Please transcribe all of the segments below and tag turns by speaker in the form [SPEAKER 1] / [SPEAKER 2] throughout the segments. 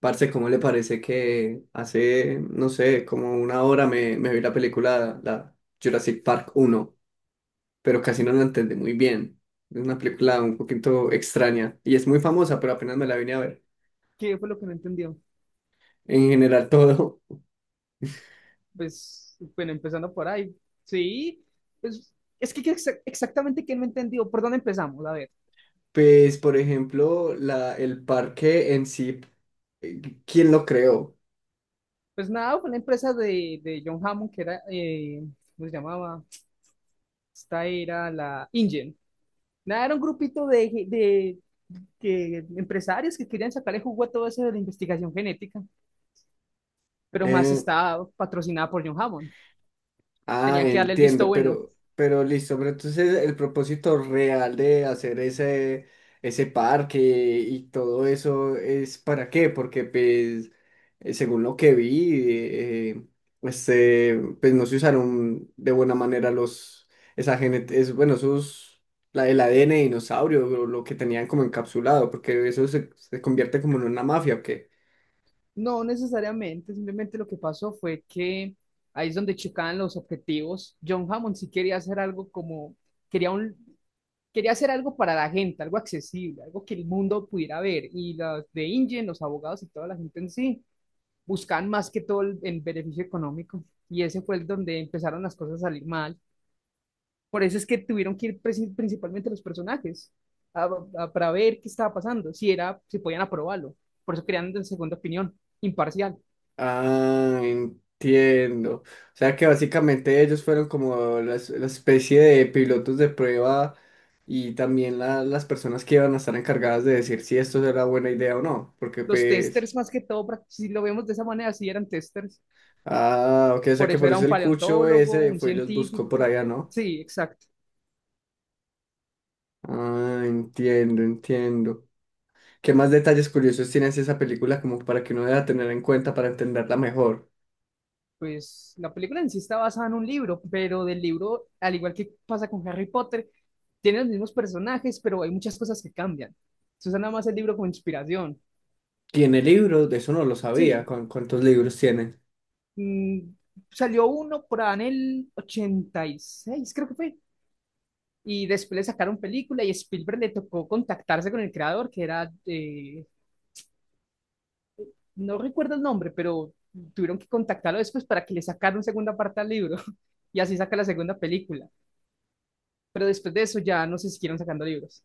[SPEAKER 1] Parce, ¿cómo le parece que hace, no sé, como una hora me vi la película, la Jurassic Park uno pero casi no
[SPEAKER 2] ¿Y
[SPEAKER 1] la entendí muy bien. Es una película un poquito extraña y es muy famosa, pero apenas me la vine a ver.
[SPEAKER 2] qué fue lo que no entendió?
[SPEAKER 1] En general todo.
[SPEAKER 2] Pues, bueno, empezando por ahí. Sí, pues, es que, ¿qué exactamente qué no entendió? ¿Por dónde empezamos? A ver,
[SPEAKER 1] Pues, por ejemplo, el parque en sí, eh, ¿quién lo creó?
[SPEAKER 2] pues nada, fue la empresa de John Hammond, que era, ¿cómo se llamaba? Esta era la InGen. Nada, era un grupito de que, empresarios que querían sacarle jugo a todo eso de la investigación genética, pero más
[SPEAKER 1] Eh,
[SPEAKER 2] estaba patrocinada por John Hammond.
[SPEAKER 1] Ah,
[SPEAKER 2] Tenían que darle el visto
[SPEAKER 1] entiendo,
[SPEAKER 2] bueno.
[SPEAKER 1] pero listo, pero entonces el propósito real de hacer ese parque y todo eso es para qué, porque pues según lo que vi, pues no se usaron de buena manera los, esa gene- es, bueno, esos, la, el ADN de dinosaurio, lo que tenían como encapsulado, porque eso se convierte como en una mafia, ¿ok?
[SPEAKER 2] No necesariamente, simplemente lo que pasó fue que ahí es donde chocaban los objetivos. John Hammond sí quería hacer algo como, quería un, quería hacer algo para la gente, algo accesible, algo que el mundo pudiera ver. Y los de InGen, los abogados y toda la gente en sí, buscaban más que todo el beneficio económico. Y ese fue el donde empezaron las cosas a salir mal. Por eso es que tuvieron que ir principalmente los personajes a- para ver qué estaba pasando, si era, si podían aprobarlo. Por eso crearon de segunda opinión, imparcial.
[SPEAKER 1] Ah, entiendo. O sea que básicamente ellos fueron como la especie de pilotos de prueba y también las personas que iban a estar encargadas de decir si esto era buena idea o no. Porque
[SPEAKER 2] Los
[SPEAKER 1] pues...
[SPEAKER 2] testers más que todo, si lo vemos de esa manera, sí eran testers.
[SPEAKER 1] Ah, ok, o sea
[SPEAKER 2] Por
[SPEAKER 1] que
[SPEAKER 2] eso
[SPEAKER 1] por
[SPEAKER 2] era
[SPEAKER 1] eso
[SPEAKER 2] un
[SPEAKER 1] el cucho
[SPEAKER 2] paleontólogo,
[SPEAKER 1] ese
[SPEAKER 2] un
[SPEAKER 1] fue y los buscó por
[SPEAKER 2] científico.
[SPEAKER 1] allá, ¿no?
[SPEAKER 2] Sí, exacto.
[SPEAKER 1] Ah, entiendo. ¿Qué más detalles curiosos tienes de esa película como para que uno deba tener en cuenta para entenderla mejor?
[SPEAKER 2] Pues la película en sí está basada en un libro, pero del libro, al igual que pasa con Harry Potter, tiene los mismos personajes, pero hay muchas cosas que cambian. Se usa nada más el libro como inspiración.
[SPEAKER 1] ¿Tiene libros? De eso no lo sabía.
[SPEAKER 2] Sí.
[SPEAKER 1] ¿Cuántos libros tiene?
[SPEAKER 2] Mm, Salió uno por ahí en el 86, creo que fue. Y después le sacaron película y Spielberg le tocó contactarse con el creador, que era, no recuerdo el nombre, pero tuvieron que contactarlo después para que le sacaran segunda parte al libro y así saca la segunda película. Pero después de eso ya no se siguieron sacando libros.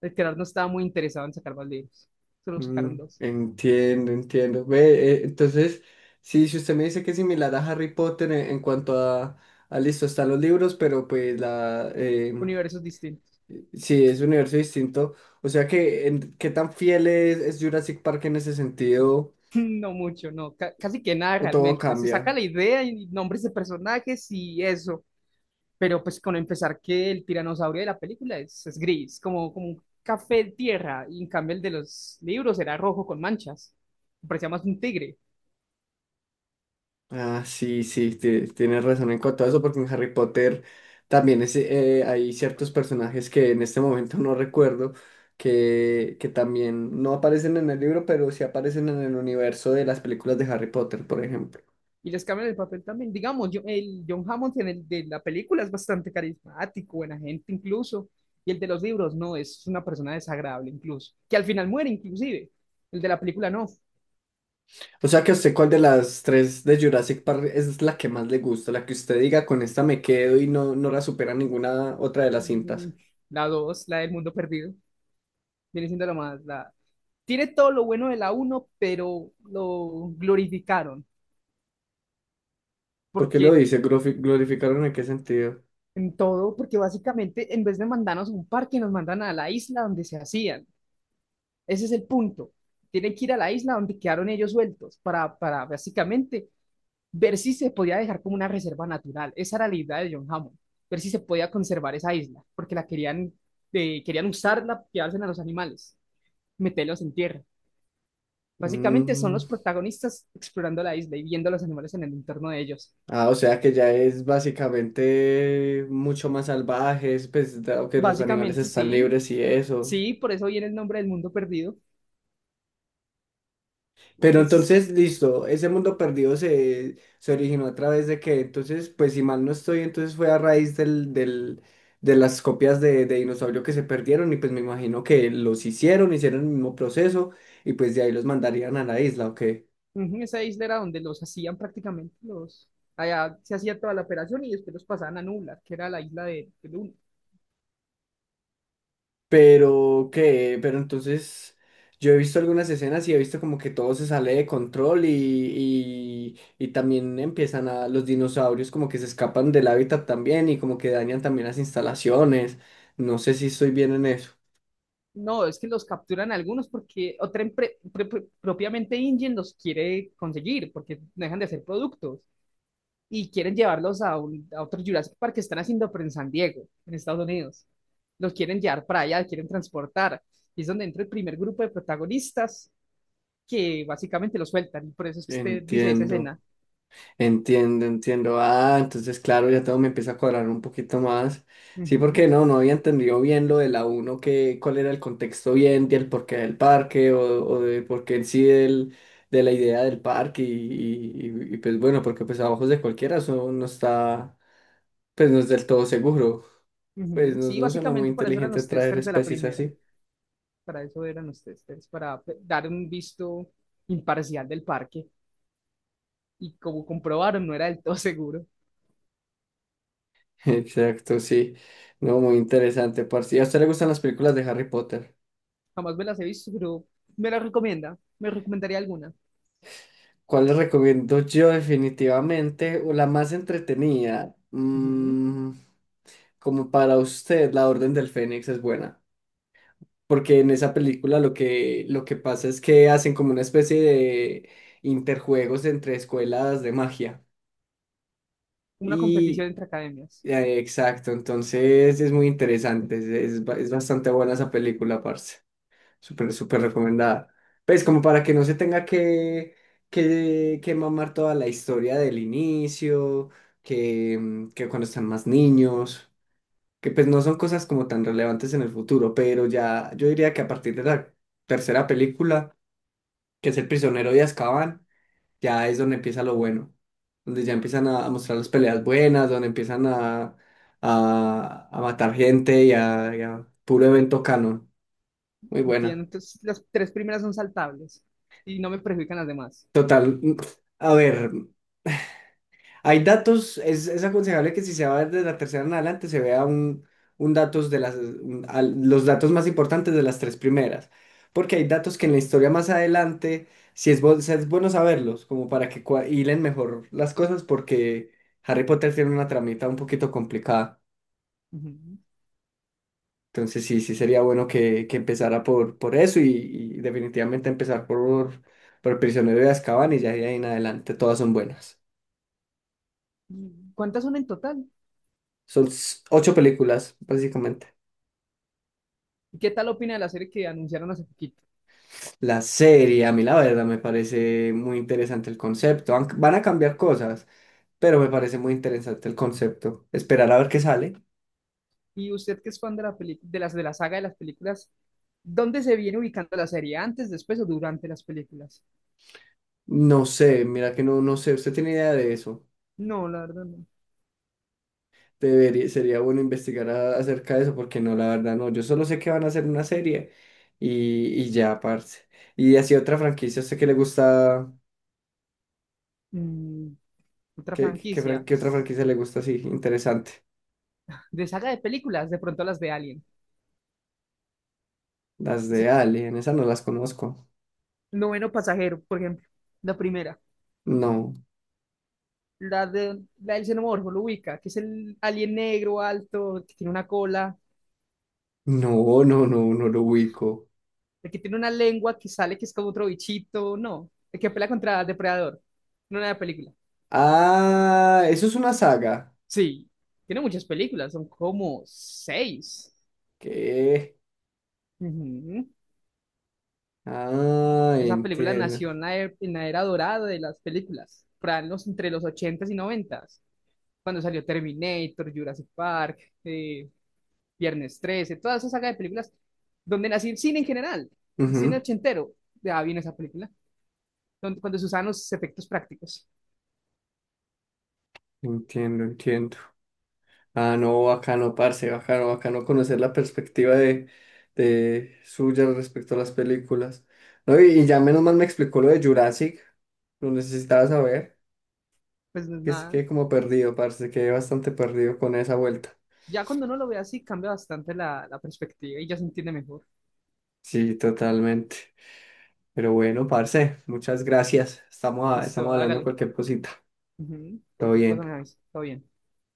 [SPEAKER 2] El creador no estaba muy interesado en sacar más libros, solo sacaron
[SPEAKER 1] Mm,
[SPEAKER 2] dos,
[SPEAKER 1] entiendo. Ve, entonces, sí, si usted me dice que es similar a Harry Potter en cuanto a listo, están los libros, pero pues la
[SPEAKER 2] universos distintos.
[SPEAKER 1] sí es un universo distinto. O sea que en- qué tan fiel es Jurassic Park en ese sentido,
[SPEAKER 2] No mucho, no, casi que nada
[SPEAKER 1] o todo
[SPEAKER 2] realmente. Se saca
[SPEAKER 1] cambia.
[SPEAKER 2] la idea y nombres de personajes y eso, pero pues con empezar que el tiranosaurio de la película es gris, como un café de tierra, y en cambio el de los libros era rojo con manchas, parecía más un tigre.
[SPEAKER 1] Ah, sí, sí, tienes razón en cuanto a eso, porque en Harry Potter también es, hay ciertos personajes que en este momento no recuerdo, que también no aparecen en el libro, pero sí aparecen en el universo de las películas de Harry Potter, por ejemplo.
[SPEAKER 2] Y les cambian el papel también. Digamos, yo, el John Hammond en el de la película es bastante carismático, buena gente incluso. Y el de los libros, no, es una persona desagradable incluso. Que al final muere inclusive. El de la película, no.
[SPEAKER 1] O sea que a usted, ¿cuál de las tres de Jurassic Park es la que más le gusta? La que usted diga, con esta me quedo y no, no la supera ninguna otra de las
[SPEAKER 2] Mm,
[SPEAKER 1] cintas.
[SPEAKER 2] La dos, la del mundo perdido, viene siendo la más. Tiene todo lo bueno de la uno pero lo glorificaron.
[SPEAKER 1] ¿Por qué lo
[SPEAKER 2] Porque
[SPEAKER 1] dice? ¿Glorificaron en qué sentido?
[SPEAKER 2] en todo, porque básicamente en vez de mandarnos a un parque, nos mandan a la isla donde se hacían. Ese es el punto. Tienen que ir a la isla donde quedaron ellos sueltos para, básicamente ver si se podía dejar como una reserva natural. Esa era la idea de John Hammond, ver si se podía conservar esa isla, porque la querían usarla, quedarse a los animales, meterlos en tierra. Básicamente son
[SPEAKER 1] Mm.
[SPEAKER 2] los protagonistas explorando la isla y viendo a los animales en el entorno de ellos.
[SPEAKER 1] Ah, o sea que ya es básicamente mucho más salvajes, pues dado que los animales
[SPEAKER 2] Básicamente
[SPEAKER 1] están
[SPEAKER 2] sí,
[SPEAKER 1] libres y eso.
[SPEAKER 2] sí, por eso viene el nombre del mundo perdido.
[SPEAKER 1] Pero
[SPEAKER 2] Es,
[SPEAKER 1] entonces, listo, ese mundo perdido se originó a través de que, entonces, pues si mal no estoy, entonces fue a raíz del de las copias de dinosaurio que se perdieron y pues me imagino que los hicieron el mismo proceso y pues de ahí los mandarían a la isla, ¿ok?
[SPEAKER 2] Ujú. Esa isla era donde los hacían prácticamente los. Allá se hacía toda la operación y después los pasaban a Nublar, que era la isla de Luna.
[SPEAKER 1] Pero entonces yo he visto algunas escenas y he visto como que todo se sale de control y también empiezan a los dinosaurios como que se escapan del hábitat también y como que dañan también las instalaciones. No sé si estoy bien en eso.
[SPEAKER 2] No, es que los capturan algunos porque otra propiamente Ingen los quiere conseguir porque no dejan de hacer productos y quieren llevarlos a otro Jurassic Park que están haciendo, pero en San Diego, en Estados Unidos. Los quieren llevar para allá, quieren transportar. Y es donde entra el primer grupo de protagonistas que básicamente los sueltan y por eso es que usted dice esa escena.
[SPEAKER 1] Entiendo. Entiendo. Ah, entonces, claro, ya todo me empieza a cuadrar un poquito más. Sí,
[SPEAKER 2] Ujú.
[SPEAKER 1] porque no, no había entendido bien lo de la uno que cuál era el contexto bien del porqué del parque o de por qué en sí de la idea del parque pues bueno, porque pues a ojos de cualquiera eso no está, pues no es del todo seguro. Pues
[SPEAKER 2] Ujú,
[SPEAKER 1] no,
[SPEAKER 2] sí,
[SPEAKER 1] no suena muy
[SPEAKER 2] básicamente para eso eran
[SPEAKER 1] inteligente
[SPEAKER 2] los
[SPEAKER 1] traer
[SPEAKER 2] testers de la
[SPEAKER 1] especies
[SPEAKER 2] primera,
[SPEAKER 1] así.
[SPEAKER 2] para eso eran los testers, para dar un visto imparcial del parque. Y como comprobaron, no era del todo seguro.
[SPEAKER 1] Exacto, sí. No, muy interesante, parce. ¿Y a usted le gustan las películas de Harry Potter?
[SPEAKER 2] Jamás me las he visto, pero me las recomienda, me recomendaría alguna.
[SPEAKER 1] ¿Cuál les recomiendo yo definitivamente? O la más entretenida.
[SPEAKER 2] Ujú.
[SPEAKER 1] Como para usted, La Orden del Fénix es buena. Porque en esa película lo que pasa es que hacen como una especie de interjuegos entre escuelas de magia.
[SPEAKER 2] Una competición
[SPEAKER 1] Y
[SPEAKER 2] entre academias.
[SPEAKER 1] exacto, entonces es muy interesante. Es bastante buena esa película, parce. Súper, súper recomendada. Pues como para que no se tenga que mamar toda la historia del inicio, que, que cuando están más niños, que pues no son cosas como tan relevantes en el futuro, pero ya yo diría que a partir de la tercera película, que es El prisionero de Azkaban, ya es donde empieza lo bueno, donde ya empiezan a mostrar las peleas buenas, donde empiezan a matar gente y a puro evento canon. Muy
[SPEAKER 2] Entiendo,
[SPEAKER 1] buena.
[SPEAKER 2] entonces las tres primeras son saltables y no me perjudican las demás.
[SPEAKER 1] Total, a ver, hay datos, es aconsejable que si se va desde la tercera en adelante se vea un datos de los datos más importantes de las tres primeras, porque hay datos que en la historia más adelante, si es, si es bueno saberlos, como para que hilen mejor las cosas, porque Harry Potter tiene una tramita un poquito complicada,
[SPEAKER 2] Ujú.
[SPEAKER 1] entonces sí, sí sería bueno que empezara por eso y definitivamente empezar por el prisionero de Azkaban y ya de ahí en adelante todas son buenas.
[SPEAKER 2] ¿Y cuántas son en total?
[SPEAKER 1] Son 8 películas, básicamente.
[SPEAKER 2] ¿Y qué tal opina de la serie que anunciaron hace poquito?
[SPEAKER 1] La serie, a mí la verdad, me parece muy interesante el concepto. Aunque van a cambiar cosas, pero me parece muy interesante el concepto. Esperar a ver qué sale.
[SPEAKER 2] Y usted que es fan de la de las de la saga de las películas, ¿dónde se viene ubicando la serie? ¿Antes, después o durante las películas?
[SPEAKER 1] No sé, mira que no, no sé, ¿usted tiene idea de eso?
[SPEAKER 2] No, la verdad no.
[SPEAKER 1] Debería, sería bueno investigar acerca de eso, porque no, la verdad no. Yo solo sé que van a hacer una serie y ya, parce. Y así otra franquicia, ¿a usted qué le gusta?
[SPEAKER 2] Mm, Otra franquicia.
[SPEAKER 1] ¿Qué otra franquicia le gusta así? Interesante.
[SPEAKER 2] De saga de películas, de pronto las de Alien.
[SPEAKER 1] Las de
[SPEAKER 2] Ese
[SPEAKER 1] Alien, esas no las conozco.
[SPEAKER 2] noveno pasajero, por ejemplo. La primera.
[SPEAKER 1] No.
[SPEAKER 2] La de la del xenomorfo lo ubica, que es el alien negro alto, que tiene una cola,
[SPEAKER 1] No, no, no, no lo ubico.
[SPEAKER 2] el que tiene una lengua que sale que es como otro bichito, no, el que pelea contra depredador, no una película.
[SPEAKER 1] Ah, eso es una saga.
[SPEAKER 2] Sí, tiene muchas películas, son como seis.
[SPEAKER 1] ¿Qué?
[SPEAKER 2] Ujú.
[SPEAKER 1] Ah,
[SPEAKER 2] Esa película
[SPEAKER 1] entiendo.
[SPEAKER 2] nació en la era dorada de las películas, por ahí en los, entre los ochentas y noventas, cuando salió Terminator, Jurassic Park, eh, Viernes 13, toda esa saga de películas, donde nació el cine en general, el cine
[SPEAKER 1] Ujú.
[SPEAKER 2] ochentero, ya viene esa película, donde, cuando se usan los efectos prácticos,
[SPEAKER 1] Entiendo. Ah, no, bacano, parce, bacano conocer la perspectiva de suya respecto a las películas. No, y ya menos mal me explicó lo de Jurassic. Lo necesitaba saber.
[SPEAKER 2] pues no es
[SPEAKER 1] Que se
[SPEAKER 2] nada.
[SPEAKER 1] quedé como perdido, parce, quedé bastante perdido con esa vuelta.
[SPEAKER 2] Ya cuando uno lo ve así, cambia bastante la perspectiva y ya se entiende mejor.
[SPEAKER 1] Sí, totalmente. Pero bueno, parce, muchas gracias. Estamos,
[SPEAKER 2] Listo,
[SPEAKER 1] estamos hablando de
[SPEAKER 2] hágale.
[SPEAKER 1] cualquier cosita.
[SPEAKER 2] Ujú.
[SPEAKER 1] Todo
[SPEAKER 2] Cualquier cosa
[SPEAKER 1] bien.
[SPEAKER 2] me avisa, todo bien.